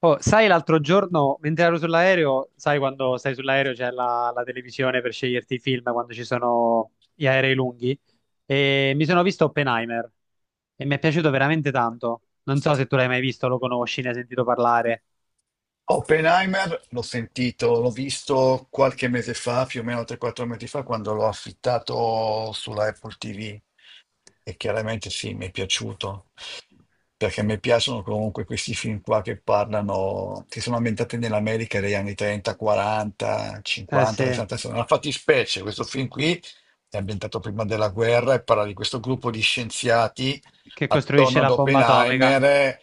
Oh, sai, l'altro giorno, mentre ero sull'aereo, sai quando stai sull'aereo c'è la televisione per sceglierti i film quando ci sono gli aerei lunghi? E mi sono visto Oppenheimer e mi è piaciuto veramente tanto. Non so se tu l'hai mai visto, lo conosci, ne hai sentito parlare. Oppenheimer l'ho sentito, l'ho visto qualche mese fa, più o meno 3-4 mesi fa, quando l'ho affittato sulla Apple TV. E chiaramente sì, mi è piaciuto, perché mi piacciono comunque questi film qua che parlano, che sono ambientati nell'America degli anni 30, 40, Eh 50, sì, 60. Una fattispecie, questo film qui è ambientato prima della guerra e parla di questo gruppo di scienziati che attorno costruisce ad la bomba atomica. Oppenheimer,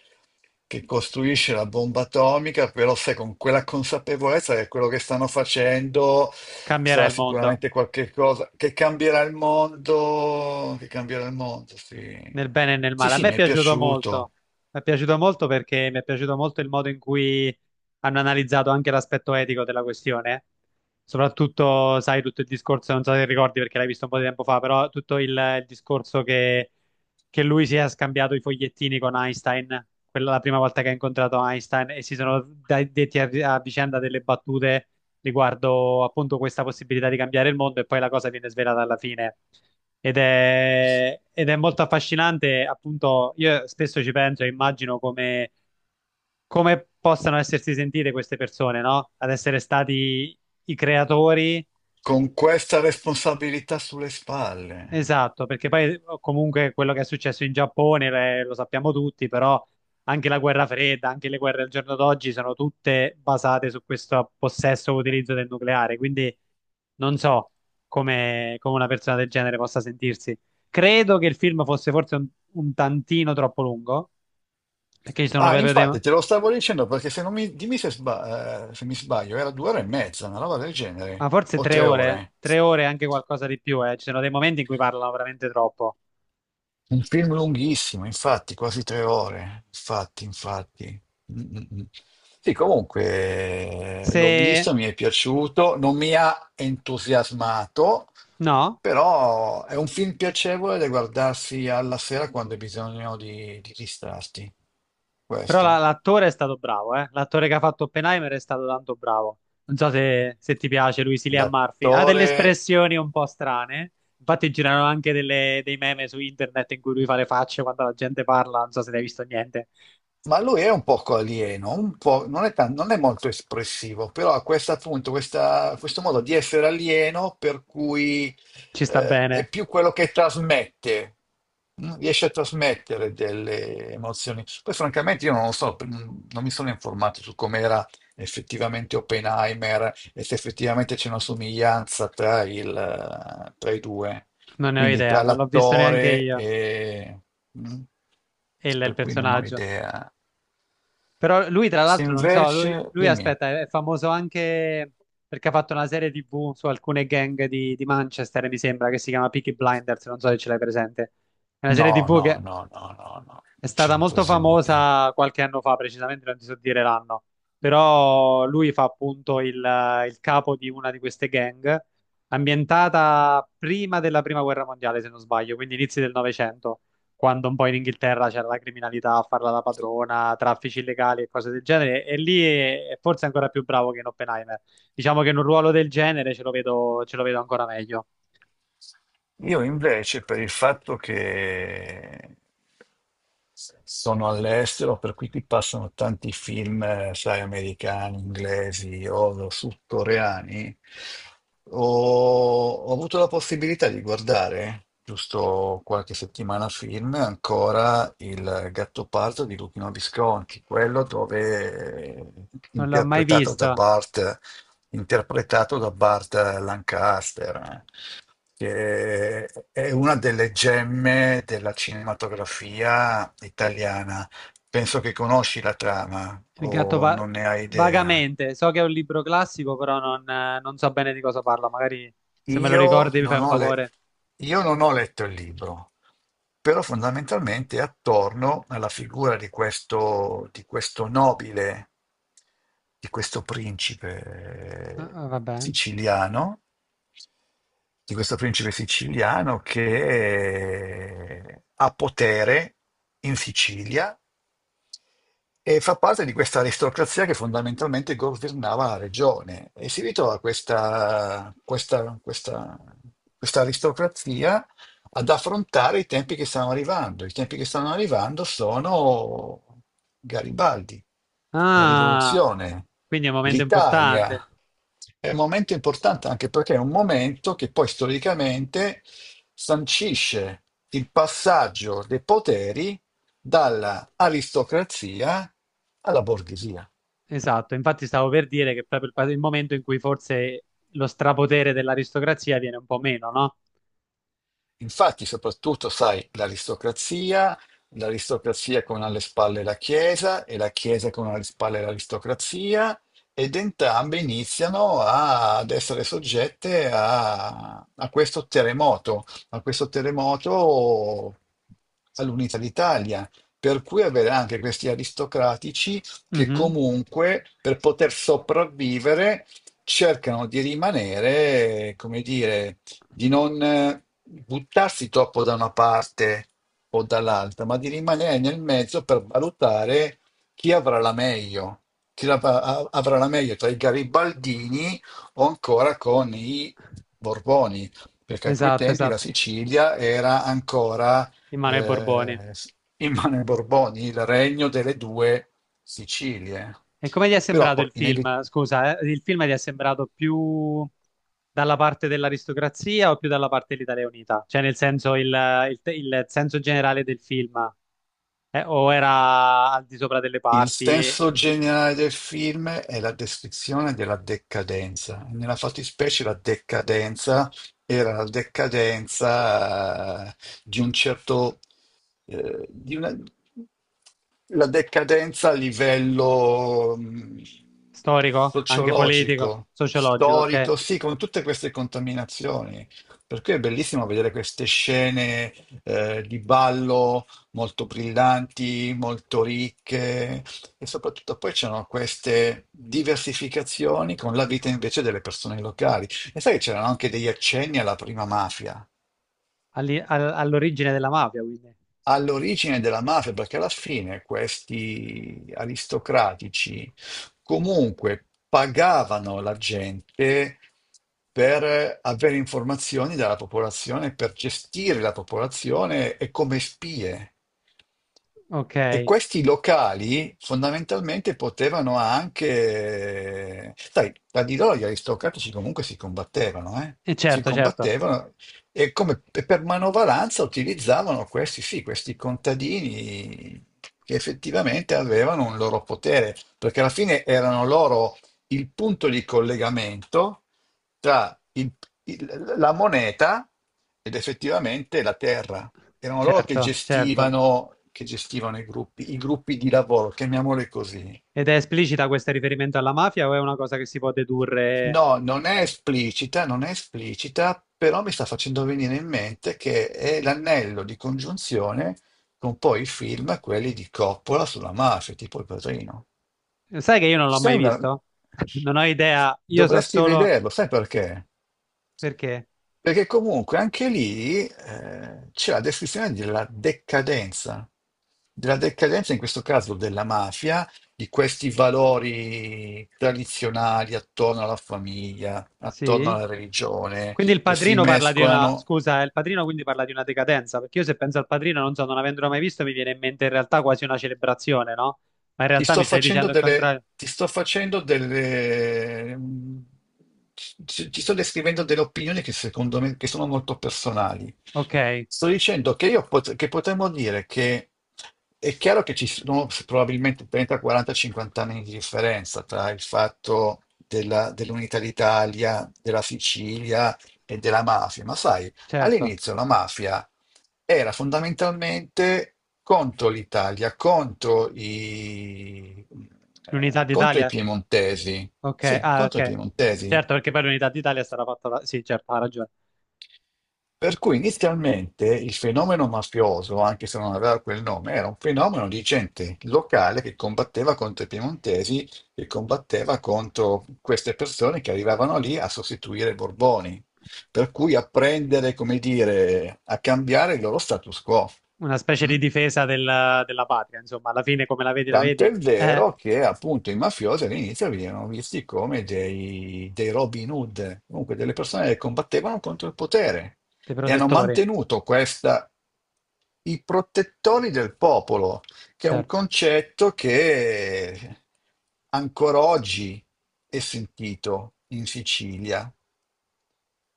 che costruisce la bomba atomica, però sai, con quella consapevolezza che quello che stanno facendo Cambierà sarà il mondo. sicuramente qualche cosa che cambierà il mondo, che cambierà il mondo, Nel sì. bene e nel Sì, male. A sì, me è mi è piaciuto piaciuto. molto, mi è piaciuto molto perché mi è piaciuto molto il modo in cui hanno analizzato anche l'aspetto etico della questione. Soprattutto, sai, tutto il discorso, non so se ricordi perché l'hai visto un po' di tempo fa, però tutto il discorso che lui si è scambiato i fogliettini con Einstein, quella la prima volta che ha incontrato Einstein e si sono detti a a vicenda delle battute riguardo appunto questa possibilità di cambiare il mondo, e poi la cosa viene svelata alla fine. Ed è molto affascinante, appunto. Io spesso ci penso e immagino come, come possano essersi sentite queste persone, no? Ad essere stati i creatori. Con questa responsabilità sulle spalle. Esatto, perché poi comunque quello che è successo in Giappone, lo sappiamo tutti. Però anche la guerra fredda, anche le guerre al giorno d'oggi sono tutte basate su questo possesso o utilizzo del nucleare, quindi non so come come una persona del genere possa sentirsi. Credo che il film fosse forse un tantino troppo lungo, perché ci sono Ah, proprio dei... Ma infatti, te lo stavo dicendo perché se non mi, dimmi se, se mi sbaglio, era 2 ore e mezza, una roba del genere, forse o tre ore. tre ore e anche qualcosa di più, eh. Ci sono dei momenti in cui parlano veramente troppo. Un film lunghissimo, infatti, quasi 3 ore. Infatti, infatti. Mm, mm, mm. Sì, comunque l'ho Se... visto, mi è piaciuto, non mi ha entusiasmato, no? però è un film piacevole da guardarsi alla sera quando hai bisogno di distrarti. Però Questo. l'attore è stato bravo, eh? L'attore che ha fatto Oppenheimer è stato tanto bravo. Non so se se ti piace lui, sì, Cillian Murphy. Ha delle L'attore espressioni un po' strane. Infatti girano anche dei meme su internet in cui lui fa le facce quando la gente parla. Non so se ne hai visto niente. Ma lui è un poco alieno, un po', non è molto espressivo, però ha questo appunto, questo modo di essere alieno per cui Ci sta è bene. più quello che trasmette, riesce a trasmettere delle emozioni. Poi francamente io non lo so, non mi sono informato su com'era effettivamente Oppenheimer e se effettivamente c'è una somiglianza tra i due, Non ne ho quindi idea, tra non l'ho visto neanche l'attore io. e... mm, Il per cui non ho personaggio. idea. Però lui, tra Se l'altro, non so, invece, dimmi, aspetta, è famoso anche perché ha fatto una serie TV su alcune gang di Manchester, mi sembra, che si chiama Peaky Blinders, non so se ce l'hai presente. È una serie no, TV no, che no, no, no, no, è non ce stata l'ho molto presente. famosa qualche anno fa, precisamente non ti so dire l'anno, però lui fa appunto il capo di una di queste gang, ambientata prima della Prima Guerra Mondiale, se non sbaglio, quindi inizi del Novecento, quando un po' in Inghilterra c'era la criminalità a farla da padrona, traffici illegali e cose del genere, e lì è forse ancora più bravo che in Oppenheimer. Diciamo che in un ruolo del genere ce lo vedo ancora meglio. Io invece, per il fatto che sono all'estero, per cui qui passano tanti film, sai, americani, inglesi o sudcoreani, ho, ho avuto la possibilità di guardare, giusto qualche settimana film, ancora Il Gattopardo di Luchino Visconti, quello dove Non l'ho mai interpretato da visto. Bart, interpretato da Bart Lancaster, che è una delle gemme della cinematografia italiana. Penso che conosci la trama Il gatto o va- non ne hai idea. Vagamente, so che è un libro classico, però non so bene di cosa parla. Magari se me lo Io ricordi mi fai non un ho, le- favore. io non ho letto il libro, però fondamentalmente è attorno alla figura di questo nobile, di questo Ah, principe vabbè. siciliano, di questo principe siciliano che ha potere in Sicilia e fa parte di questa aristocrazia che fondamentalmente governava la regione e si ritrova questa aristocrazia ad affrontare i tempi che stanno arrivando. I tempi che stanno arrivando sono Garibaldi, la Ah, rivoluzione, quindi è un momento importante. l'Italia. È un momento importante anche perché è un momento che poi storicamente sancisce il passaggio dei poteri dalla aristocrazia alla borghesia. Esatto, infatti stavo per dire che è proprio il momento in cui forse lo strapotere dell'aristocrazia viene un po' meno, no? Infatti, soprattutto, sai, l'aristocrazia, l'aristocrazia con alle spalle la Chiesa e la Chiesa con alle spalle l'aristocrazia, ed entrambe iniziano ad essere soggette a questo terremoto, a questo terremoto all'unità d'Italia. Per cui avere anche questi aristocratici che Mhm. comunque per poter sopravvivere cercano di rimanere, come dire, di non buttarsi troppo da una parte o dall'altra, ma di rimanere nel mezzo per valutare chi avrà la meglio, chi avrà la meglio tra i garibaldini o ancora con i Borboni, perché a quei Esatto, tempi la esatto. Sicilia era ancora In mano ai Borboni. eh, in mano ai Borboni, il regno delle due Sicilie. E come ti è Però sembrato poi il film? inevitabilmente. Scusa, il film ti è sembrato più dalla parte dell'aristocrazia o più dalla parte dell'Italia Unita? Cioè, nel senso, il il senso generale del film, o era al di sopra delle Il parti, senso generale del film è la descrizione della decadenza. Nella fattispecie la decadenza era la decadenza di un certo, eh, di una- la decadenza a livello storico, anche politico, sociologico, sociologico, ok? storico, sì, con tutte queste contaminazioni. Per cui è bellissimo vedere queste scene di ballo molto brillanti, molto ricche e soprattutto poi c'erano queste diversificazioni con la vita invece delle persone locali. E sai che c'erano anche degli accenni alla prima mafia. All'origine della mafia, quindi. All'origine della mafia, perché alla fine questi aristocratici comunque pagavano la gente per avere informazioni dalla popolazione, per gestire la popolazione e come spie. Ok, E e questi locali fondamentalmente potevano anche. Sai, tra di loro gli aristocratici comunque si combattevano, eh? Si certo, certo, combattevano e come per manovalanza utilizzavano questi, sì, questi contadini che effettivamente avevano un loro potere, perché alla fine erano loro il punto di collegamento tra la moneta ed effettivamente la terra. Erano loro certo, certo. Che gestivano i gruppi di lavoro, chiamiamoli così. Ed è esplicita questo riferimento alla mafia o è una cosa che si può dedurre. No, non è esplicita, non è esplicita, però mi sta facendo venire in mente che è l'anello di congiunzione con poi i film, quelli di Coppola sulla mafia, tipo Il Padrino. Sai che io non l'ho Sei mai una... visto? Non ho idea, io so Dovresti solo vederlo, sai perché? perché. Perché comunque anche lì c'è la descrizione della decadenza in questo caso della mafia di questi valori tradizionali attorno alla famiglia, attorno Sì. alla religione, Quindi il che si padrino parla di una... mescolano. Scusa, il padrino quindi parla di una decadenza, perché io se penso al padrino, non so, non avendolo mai visto, mi viene in mente in realtà quasi una celebrazione, no? Ma in Ti realtà sto mi stai facendo dicendo il delle, contrario. ti sto facendo delle, mm, ci- ti sto descrivendo delle opinioni che secondo me che sono molto personali. Ok, Sto dicendo che potremmo dire che è chiaro che ci sono probabilmente 30, 40, 50 anni di differenza tra il fatto dell'unità d'Italia, della Sicilia e della mafia, ma sai, certo. all'inizio la mafia era fondamentalmente contro l'Italia, L'unità contro i d'Italia. piemontesi. Ok, Sì, ah, contro i ok. piemontesi. Certo, perché poi l'unità d'Italia è stata fatta... Sì, certo, ha ragione. Per cui inizialmente il fenomeno mafioso, anche se non aveva quel nome, era un fenomeno di gente locale che combatteva contro i piemontesi, che combatteva contro queste persone che arrivavano lì a sostituire i Borboni, per cui a prendere, come dire, a cambiare il loro status quo. Una specie Mm? di difesa della patria, insomma, alla fine come la vedi, la Tant'è vedi. Vero che appunto i mafiosi all'inizio venivano visti come dei Robin Hood, comunque delle persone che combattevano contro il potere Dei e hanno protettori, mantenuto questa, i protettori del popolo, che è un certo. concetto che ancora oggi è sentito in Sicilia,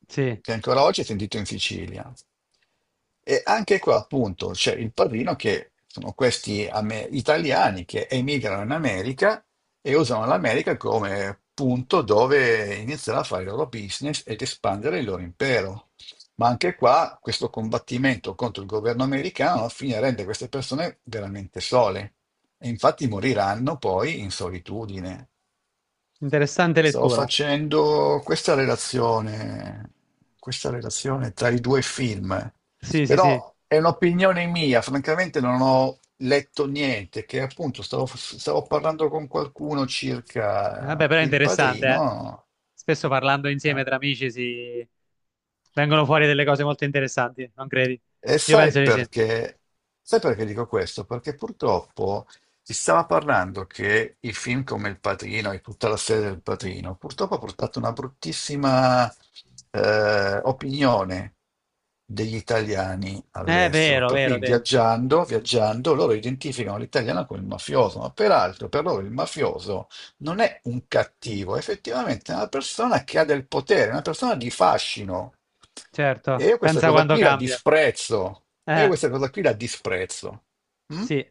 Sì. che ancora oggi è sentito in Sicilia. E anche qua, appunto, c'è il padrino che sono questi italiani che emigrano in America e usano l'America come punto dove iniziare a fare il loro business ed espandere il loro impero. Ma anche qua, questo combattimento contro il governo americano alla fine rende queste persone veramente sole e infatti moriranno poi in solitudine. Interessante Stavo lettura. facendo questa relazione tra i due film, Sì, sì, sì. però è un'opinione mia, francamente non ho letto niente, che appunto stavo parlando con qualcuno circa Vabbè, però è Il interessante, eh. Padrino, Spesso parlando insieme eh, tra amici si vengono fuori delle cose molto interessanti, non credi? E Io sai penso di sì. perché? Sai perché dico questo? Perché purtroppo si stava parlando che i film come Il Padrino e tutta la serie del Padrino purtroppo ha portato una bruttissima opinione degli italiani È all'estero. vero, Per vero, cui te. viaggiando, viaggiando, loro identificano l'italiano con il mafioso, ma peraltro per loro il mafioso non è un cattivo, effettivamente è effettivamente una persona che ha del potere, una persona di fascino. E Certo. io questa Pensa cosa quando qui la cambia. disprezzo. E io Eh, questa cosa qui la disprezzo. Mm? sì.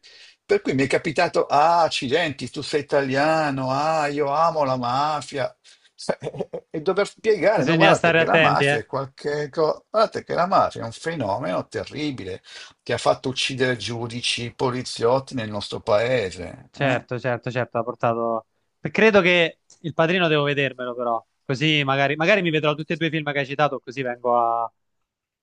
Per cui mi è capitato, ah, accidenti, tu sei italiano, ah, io amo la mafia. Cioè, e dover spiegare, no, Bisogna guardate stare che la attenti, mafia eh. è qualche cosa, guardate che la mafia è un fenomeno terribile che ha fatto uccidere giudici, poliziotti nel nostro paese. Certo, certo, certo, ha portato... Credo che Il Padrino devo vedermelo, però. Così magari, magari mi vedrò tutti e due i film che hai citato, così vengo a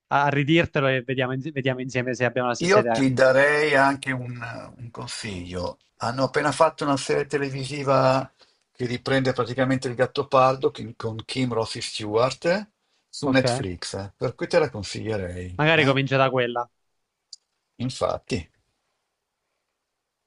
a ridirtelo e vediamo, vediamo insieme se abbiamo la stessa Io idea. ti darei anche un consiglio. Hanno appena fatto una serie televisiva che riprende praticamente il Gattopardo con Kim Rossi Stewart su Ok. Netflix, per cui te la consiglierei, Magari eh? comincia da quella. Infatti.